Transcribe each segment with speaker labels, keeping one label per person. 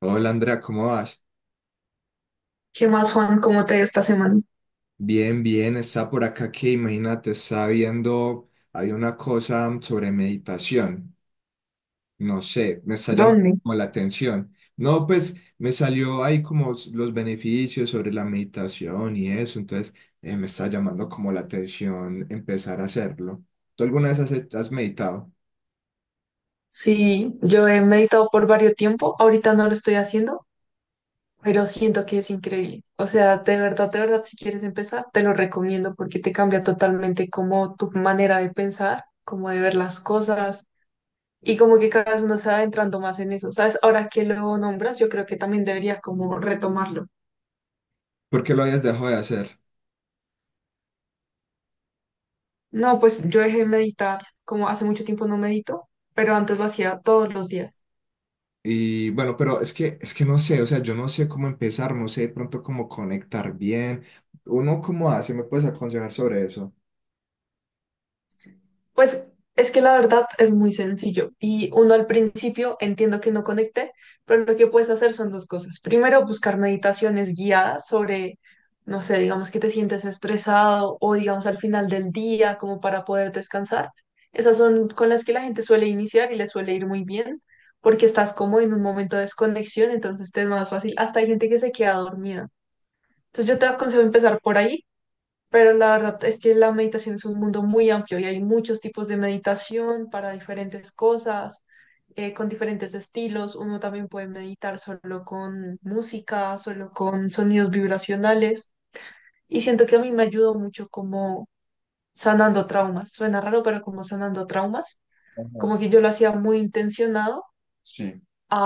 Speaker 1: Hola Andrea, ¿cómo vas?
Speaker 2: ¿Qué más, Juan? ¿Cómo te ha ido esta semana?
Speaker 1: Bien, bien, está por acá que imagínate, está viendo, hay una cosa sobre meditación, no sé, me está llamando
Speaker 2: ¿Dónde?
Speaker 1: como la atención. No, pues me salió ahí como los beneficios sobre la meditación y eso, entonces me está llamando como la atención empezar a hacerlo. ¿Tú alguna vez has meditado?
Speaker 2: Sí, yo he meditado por varios tiempo, ahorita no lo estoy haciendo, pero siento que es increíble. O sea, de verdad, si quieres empezar, te lo recomiendo porque te cambia totalmente como tu manera de pensar, como de ver las cosas y como que cada vez uno se va adentrando más en eso. ¿Sabes? Ahora que lo nombras, yo creo que también deberías como retomarlo.
Speaker 1: ¿Por qué lo habías dejado de hacer?
Speaker 2: No, pues yo dejé de meditar, como hace mucho tiempo no medito, pero antes lo hacía todos los días.
Speaker 1: Y bueno, pero es que no sé, o sea, yo no sé cómo empezar, no sé de pronto cómo conectar bien. ¿Uno cómo hace? ¿Me puedes aconsejar sobre eso?
Speaker 2: Pues es que la verdad es muy sencillo y uno al principio entiendo que no conecte, pero lo que puedes hacer son dos cosas. Primero, buscar meditaciones guiadas sobre, no sé, digamos que te sientes estresado o digamos al final del día como para poder descansar. Esas son con las que la gente suele iniciar y les suele ir muy bien porque estás como en un momento de desconexión, entonces te es más fácil. Hasta hay gente que se queda dormida. Entonces yo te aconsejo empezar por ahí, pero la verdad es que la meditación es un mundo muy amplio y hay muchos tipos de meditación para diferentes cosas, con diferentes estilos. Uno también puede meditar solo con música, solo con sonidos vibracionales. Y siento que a mí me ayudó mucho como sanando traumas. Suena raro, pero como sanando traumas.
Speaker 1: Ajá,
Speaker 2: Como que yo lo hacía muy intencionado
Speaker 1: sí,
Speaker 2: a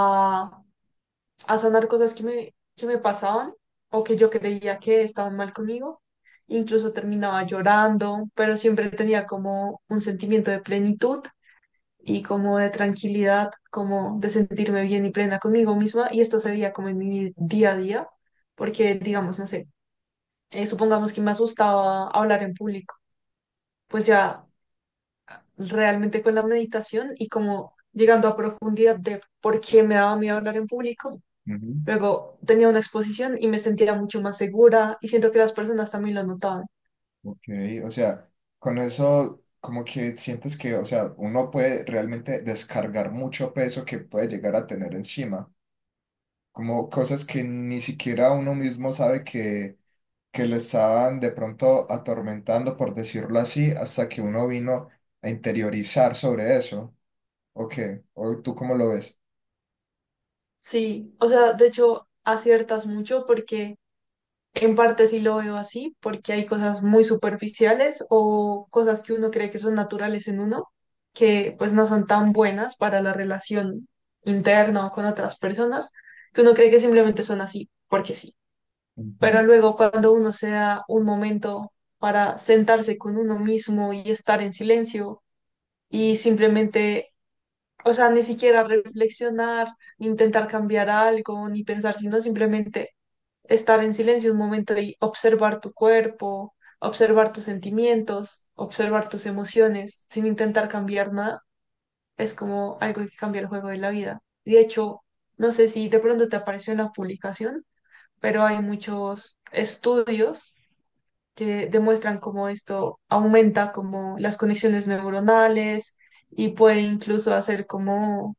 Speaker 2: a sanar cosas que me pasaban o que yo creía que estaban mal conmigo. Incluso terminaba llorando, pero siempre tenía como un sentimiento de plenitud y como de tranquilidad, como de sentirme bien y plena conmigo misma. Y esto se veía como en mi día a día, porque digamos, no sé, supongamos que me asustaba hablar en público, pues ya realmente con la meditación y como llegando a profundidad de por qué me daba miedo hablar en público,
Speaker 1: ujú,
Speaker 2: luego tenía una exposición y me sentía mucho más segura y siento que las personas también lo notaban.
Speaker 1: ok, o sea, con eso como que sientes que, o sea, uno puede realmente descargar mucho peso que puede llegar a tener encima, como cosas que ni siquiera uno mismo sabe que le estaban de pronto atormentando, por decirlo así, hasta que uno vino a interiorizar sobre eso. Ok, o ¿tú cómo lo ves?
Speaker 2: Sí, o sea, de hecho aciertas mucho porque en parte sí lo veo así, porque hay cosas muy superficiales o cosas que uno cree que son naturales en uno, que pues no son tan buenas para la relación interna o con otras personas, que uno cree que simplemente son así, porque sí.
Speaker 1: Ujú.
Speaker 2: Pero luego cuando uno se da un momento para sentarse con uno mismo y estar en silencio, y simplemente, o sea, ni siquiera reflexionar, ni intentar cambiar algo, ni pensar, sino simplemente estar en silencio un momento y observar tu cuerpo, observar tus sentimientos, observar tus emociones, sin intentar cambiar nada, es como algo que cambia el juego de la vida. De hecho, no sé si de pronto te apareció en la publicación, pero hay muchos estudios que demuestran cómo esto aumenta como las conexiones neuronales y puede incluso hacer como,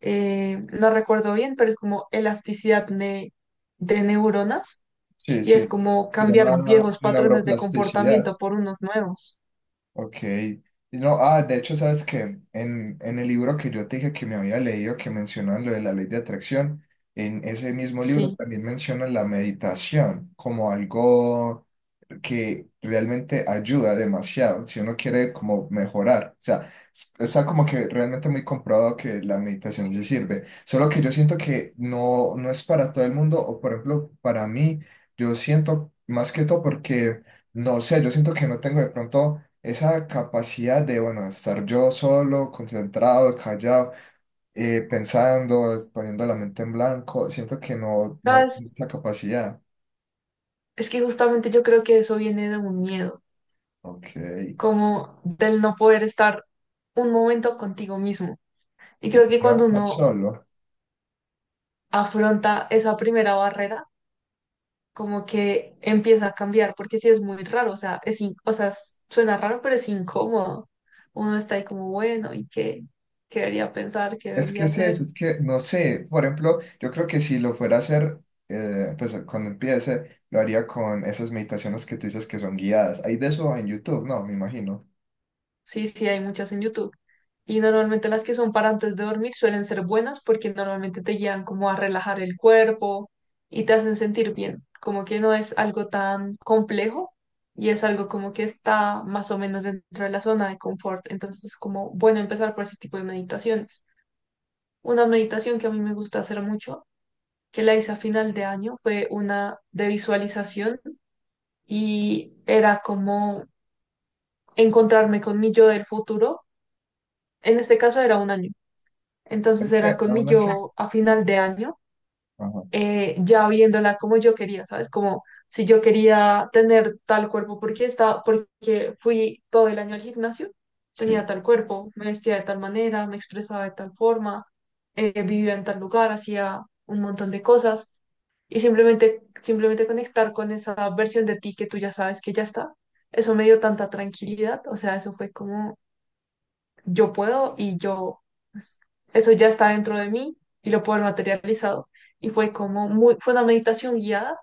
Speaker 2: no recuerdo bien, pero es como elasticidad de neuronas
Speaker 1: Sí,
Speaker 2: y es
Speaker 1: sí.
Speaker 2: como
Speaker 1: Se
Speaker 2: cambiar
Speaker 1: llama
Speaker 2: viejos patrones de
Speaker 1: neuroplasticidad.
Speaker 2: comportamiento por unos nuevos.
Speaker 1: Ok. Y no, ah, de hecho, ¿sabes qué? En el libro que yo te dije que me había leído, que mencionan lo de la ley de atracción, en ese mismo libro
Speaker 2: Sí.
Speaker 1: también mencionan la meditación como algo que realmente ayuda demasiado si uno quiere como mejorar. O sea, está como que realmente muy comprobado que la meditación sí sirve. Solo que yo siento que no, no es para todo el mundo, o por ejemplo, para mí, yo siento más que todo porque, no sé, yo siento que no tengo de pronto esa capacidad de, bueno, estar yo solo, concentrado, callado. Pensando, poniendo la mente en blanco, siento que no, no
Speaker 2: ¿Sabes?
Speaker 1: tengo la capacidad.
Speaker 2: Es que justamente yo creo que eso viene de un miedo,
Speaker 1: Ok,
Speaker 2: como del no poder estar un momento contigo mismo. Y creo que
Speaker 1: no
Speaker 2: cuando
Speaker 1: estar
Speaker 2: uno
Speaker 1: solo.
Speaker 2: afronta esa primera barrera, como que empieza a cambiar, porque sí es muy raro, o sea, o sea, suena raro, pero es incómodo. Uno está ahí como, bueno, ¿qué debería pensar? ¿Qué
Speaker 1: Es que
Speaker 2: debería
Speaker 1: es eso,
Speaker 2: hacer?
Speaker 1: es que no sé, por ejemplo, yo creo que si lo fuera a hacer, pues cuando empiece, lo haría con esas meditaciones que tú dices que son guiadas. Hay de eso en YouTube, no, me imagino.
Speaker 2: Sí, sí, hay muchas en YouTube. Y normalmente las que son para antes de dormir suelen ser buenas porque normalmente te guían como a relajar el cuerpo y te hacen sentir bien, como que no es algo tan complejo y es algo como que está más o menos dentro de la zona de confort. Entonces es como bueno empezar por ese tipo de meditaciones. Una meditación que a mí me gusta hacer mucho, que la hice a final de año, fue una de visualización y era como encontrarme con mi yo del futuro. En este caso era un año.
Speaker 1: Creo
Speaker 2: Entonces
Speaker 1: que
Speaker 2: era con
Speaker 1: era
Speaker 2: mi
Speaker 1: una que...
Speaker 2: yo a final de año,
Speaker 1: Ajá,
Speaker 2: ya viéndola como yo quería, ¿sabes? Como si yo quería tener tal cuerpo, porque estaba, porque fui todo el año al gimnasio,
Speaker 1: sí.
Speaker 2: tenía tal cuerpo, me vestía de tal manera, me expresaba de tal forma, vivía en tal lugar, hacía un montón de cosas y simplemente, simplemente conectar con esa versión de ti que tú ya sabes que ya está, eso me dio tanta tranquilidad, o sea, eso fue como yo puedo y yo, pues, eso ya está dentro de mí y lo puedo haber materializado. Y fue como muy, fue una meditación guiada,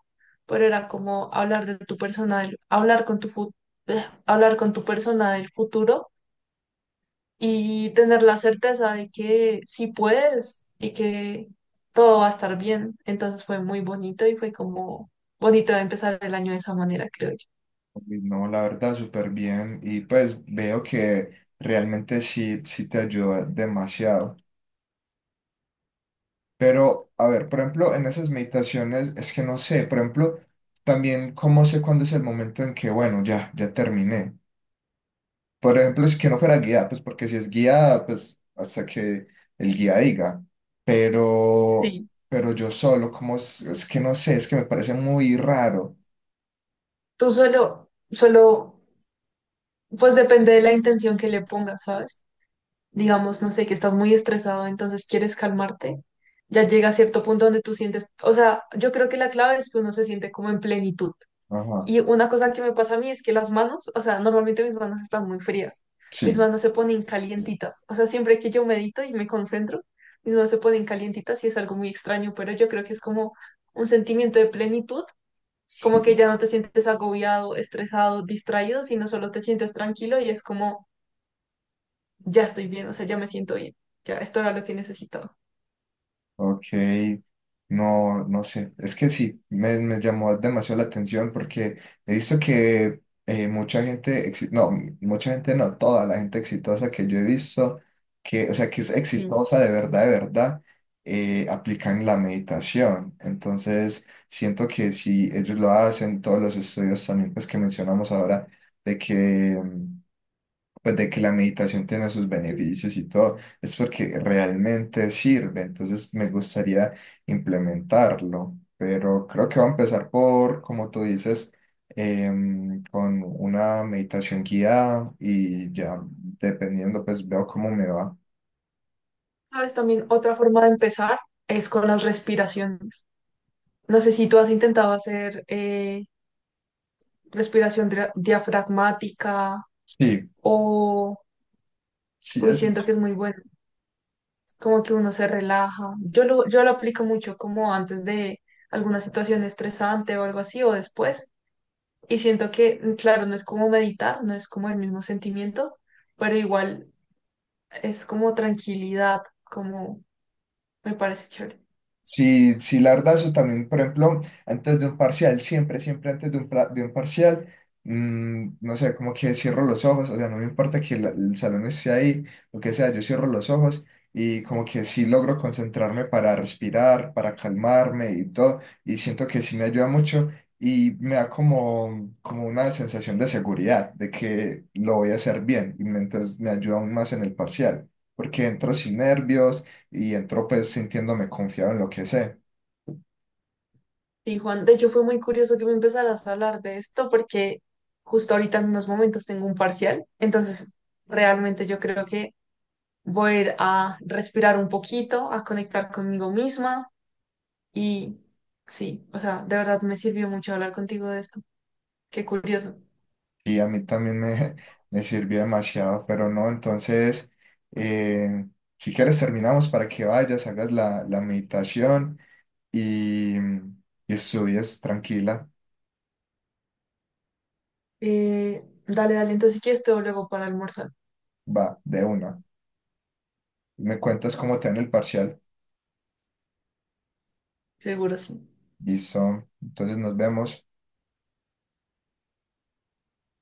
Speaker 2: pero era como hablar de tu persona, hablar con hablar con tu persona del futuro y tener la certeza de que sí puedes y que todo va a estar bien. Entonces fue muy bonito y fue como bonito empezar el año de esa manera, creo yo.
Speaker 1: Uy, no, la verdad, súper bien. Y pues veo que realmente sí, sí te ayuda demasiado. Pero, a ver, por ejemplo, en esas meditaciones, es que no sé, por ejemplo, también cómo sé cuándo es el momento en que, bueno, ya, ya terminé. Por ejemplo, si que no fuera guiada pues porque si es guiada pues hasta que el guía diga. Pero,
Speaker 2: Sí,
Speaker 1: pero yo solo, como es que no sé, es que me parece muy raro.
Speaker 2: tú solo, solo, pues depende de la intención que le pongas, ¿sabes? Digamos, no sé, que estás muy estresado, entonces quieres calmarte. Ya llega a cierto punto donde tú sientes, o sea, yo creo que la clave es que uno se siente como en plenitud.
Speaker 1: Ajá.
Speaker 2: Y una cosa que me pasa a mí es que las manos, o sea, normalmente mis manos están muy frías. Mis
Speaker 1: Sí,
Speaker 2: manos se ponen calientitas. O sea, siempre que yo medito y me concentro, mis manos se ponen calientitas y es algo muy extraño, pero yo creo que es como un sentimiento de plenitud, como
Speaker 1: sí.
Speaker 2: que ya no te sientes agobiado, estresado, distraído, sino solo te sientes tranquilo y es como, ya estoy bien, o sea, ya me siento bien. Ya, esto era lo que necesitaba.
Speaker 1: Ok, no, no sé, es que sí, me llamó demasiado la atención porque he visto que mucha gente, no, mucha gente no, toda la gente exitosa que yo he visto, que, o sea, que es
Speaker 2: Sí.
Speaker 1: exitosa de verdad, aplican la meditación. Entonces, siento que si ellos lo hacen, todos los estudios también, pues que mencionamos ahora, de que pues de que la meditación tiene sus beneficios y todo, es porque realmente sirve, entonces me gustaría implementarlo, pero creo que va a empezar por, como tú dices, con una meditación guiada y ya dependiendo, pues veo cómo me va.
Speaker 2: ¿Sabes? También otra forma de empezar es con las respiraciones. No sé si tú has intentado hacer... respiración diafragmática
Speaker 1: Sí,
Speaker 2: o,
Speaker 1: sí,
Speaker 2: uy,
Speaker 1: es
Speaker 2: siento que es muy bueno, como que uno se relaja. Yo lo aplico mucho como antes de alguna situación estresante o algo así o después. Y siento que, claro, no es como meditar, no es como el mismo sentimiento, pero igual es como tranquilidad, como me parece chévere.
Speaker 1: sí, sí, la verdad, eso también, por ejemplo, antes de un parcial, siempre, siempre antes de de un parcial, no sé, como que cierro los ojos, o sea, no me importa que el salón esté ahí, lo que sea, yo cierro los ojos y como que sí logro concentrarme para respirar, para calmarme y todo, y siento que sí me ayuda mucho y me da como, como una sensación de seguridad, de que lo voy a hacer bien, y entonces me ayuda aún más en el parcial, porque entro sin nervios y entro pues sintiéndome confiado en lo que sé.
Speaker 2: Sí, Juan, de hecho fue muy curioso que me empezaras a hablar de esto porque justo ahorita en unos momentos tengo un parcial, entonces realmente yo creo que voy a ir a respirar un poquito, a conectar conmigo misma y sí, o sea, de verdad me sirvió mucho hablar contigo de esto. Qué curioso.
Speaker 1: Y a mí también me sirvió demasiado, pero no, entonces, eh, si quieres terminamos para que vayas, hagas la meditación y estudies tranquila,
Speaker 2: Dale, dale, entonces si quieres te veo luego para almorzar.
Speaker 1: va, de una. Me cuentas cómo te va en el parcial.
Speaker 2: Seguro sí.
Speaker 1: Listo, entonces nos vemos.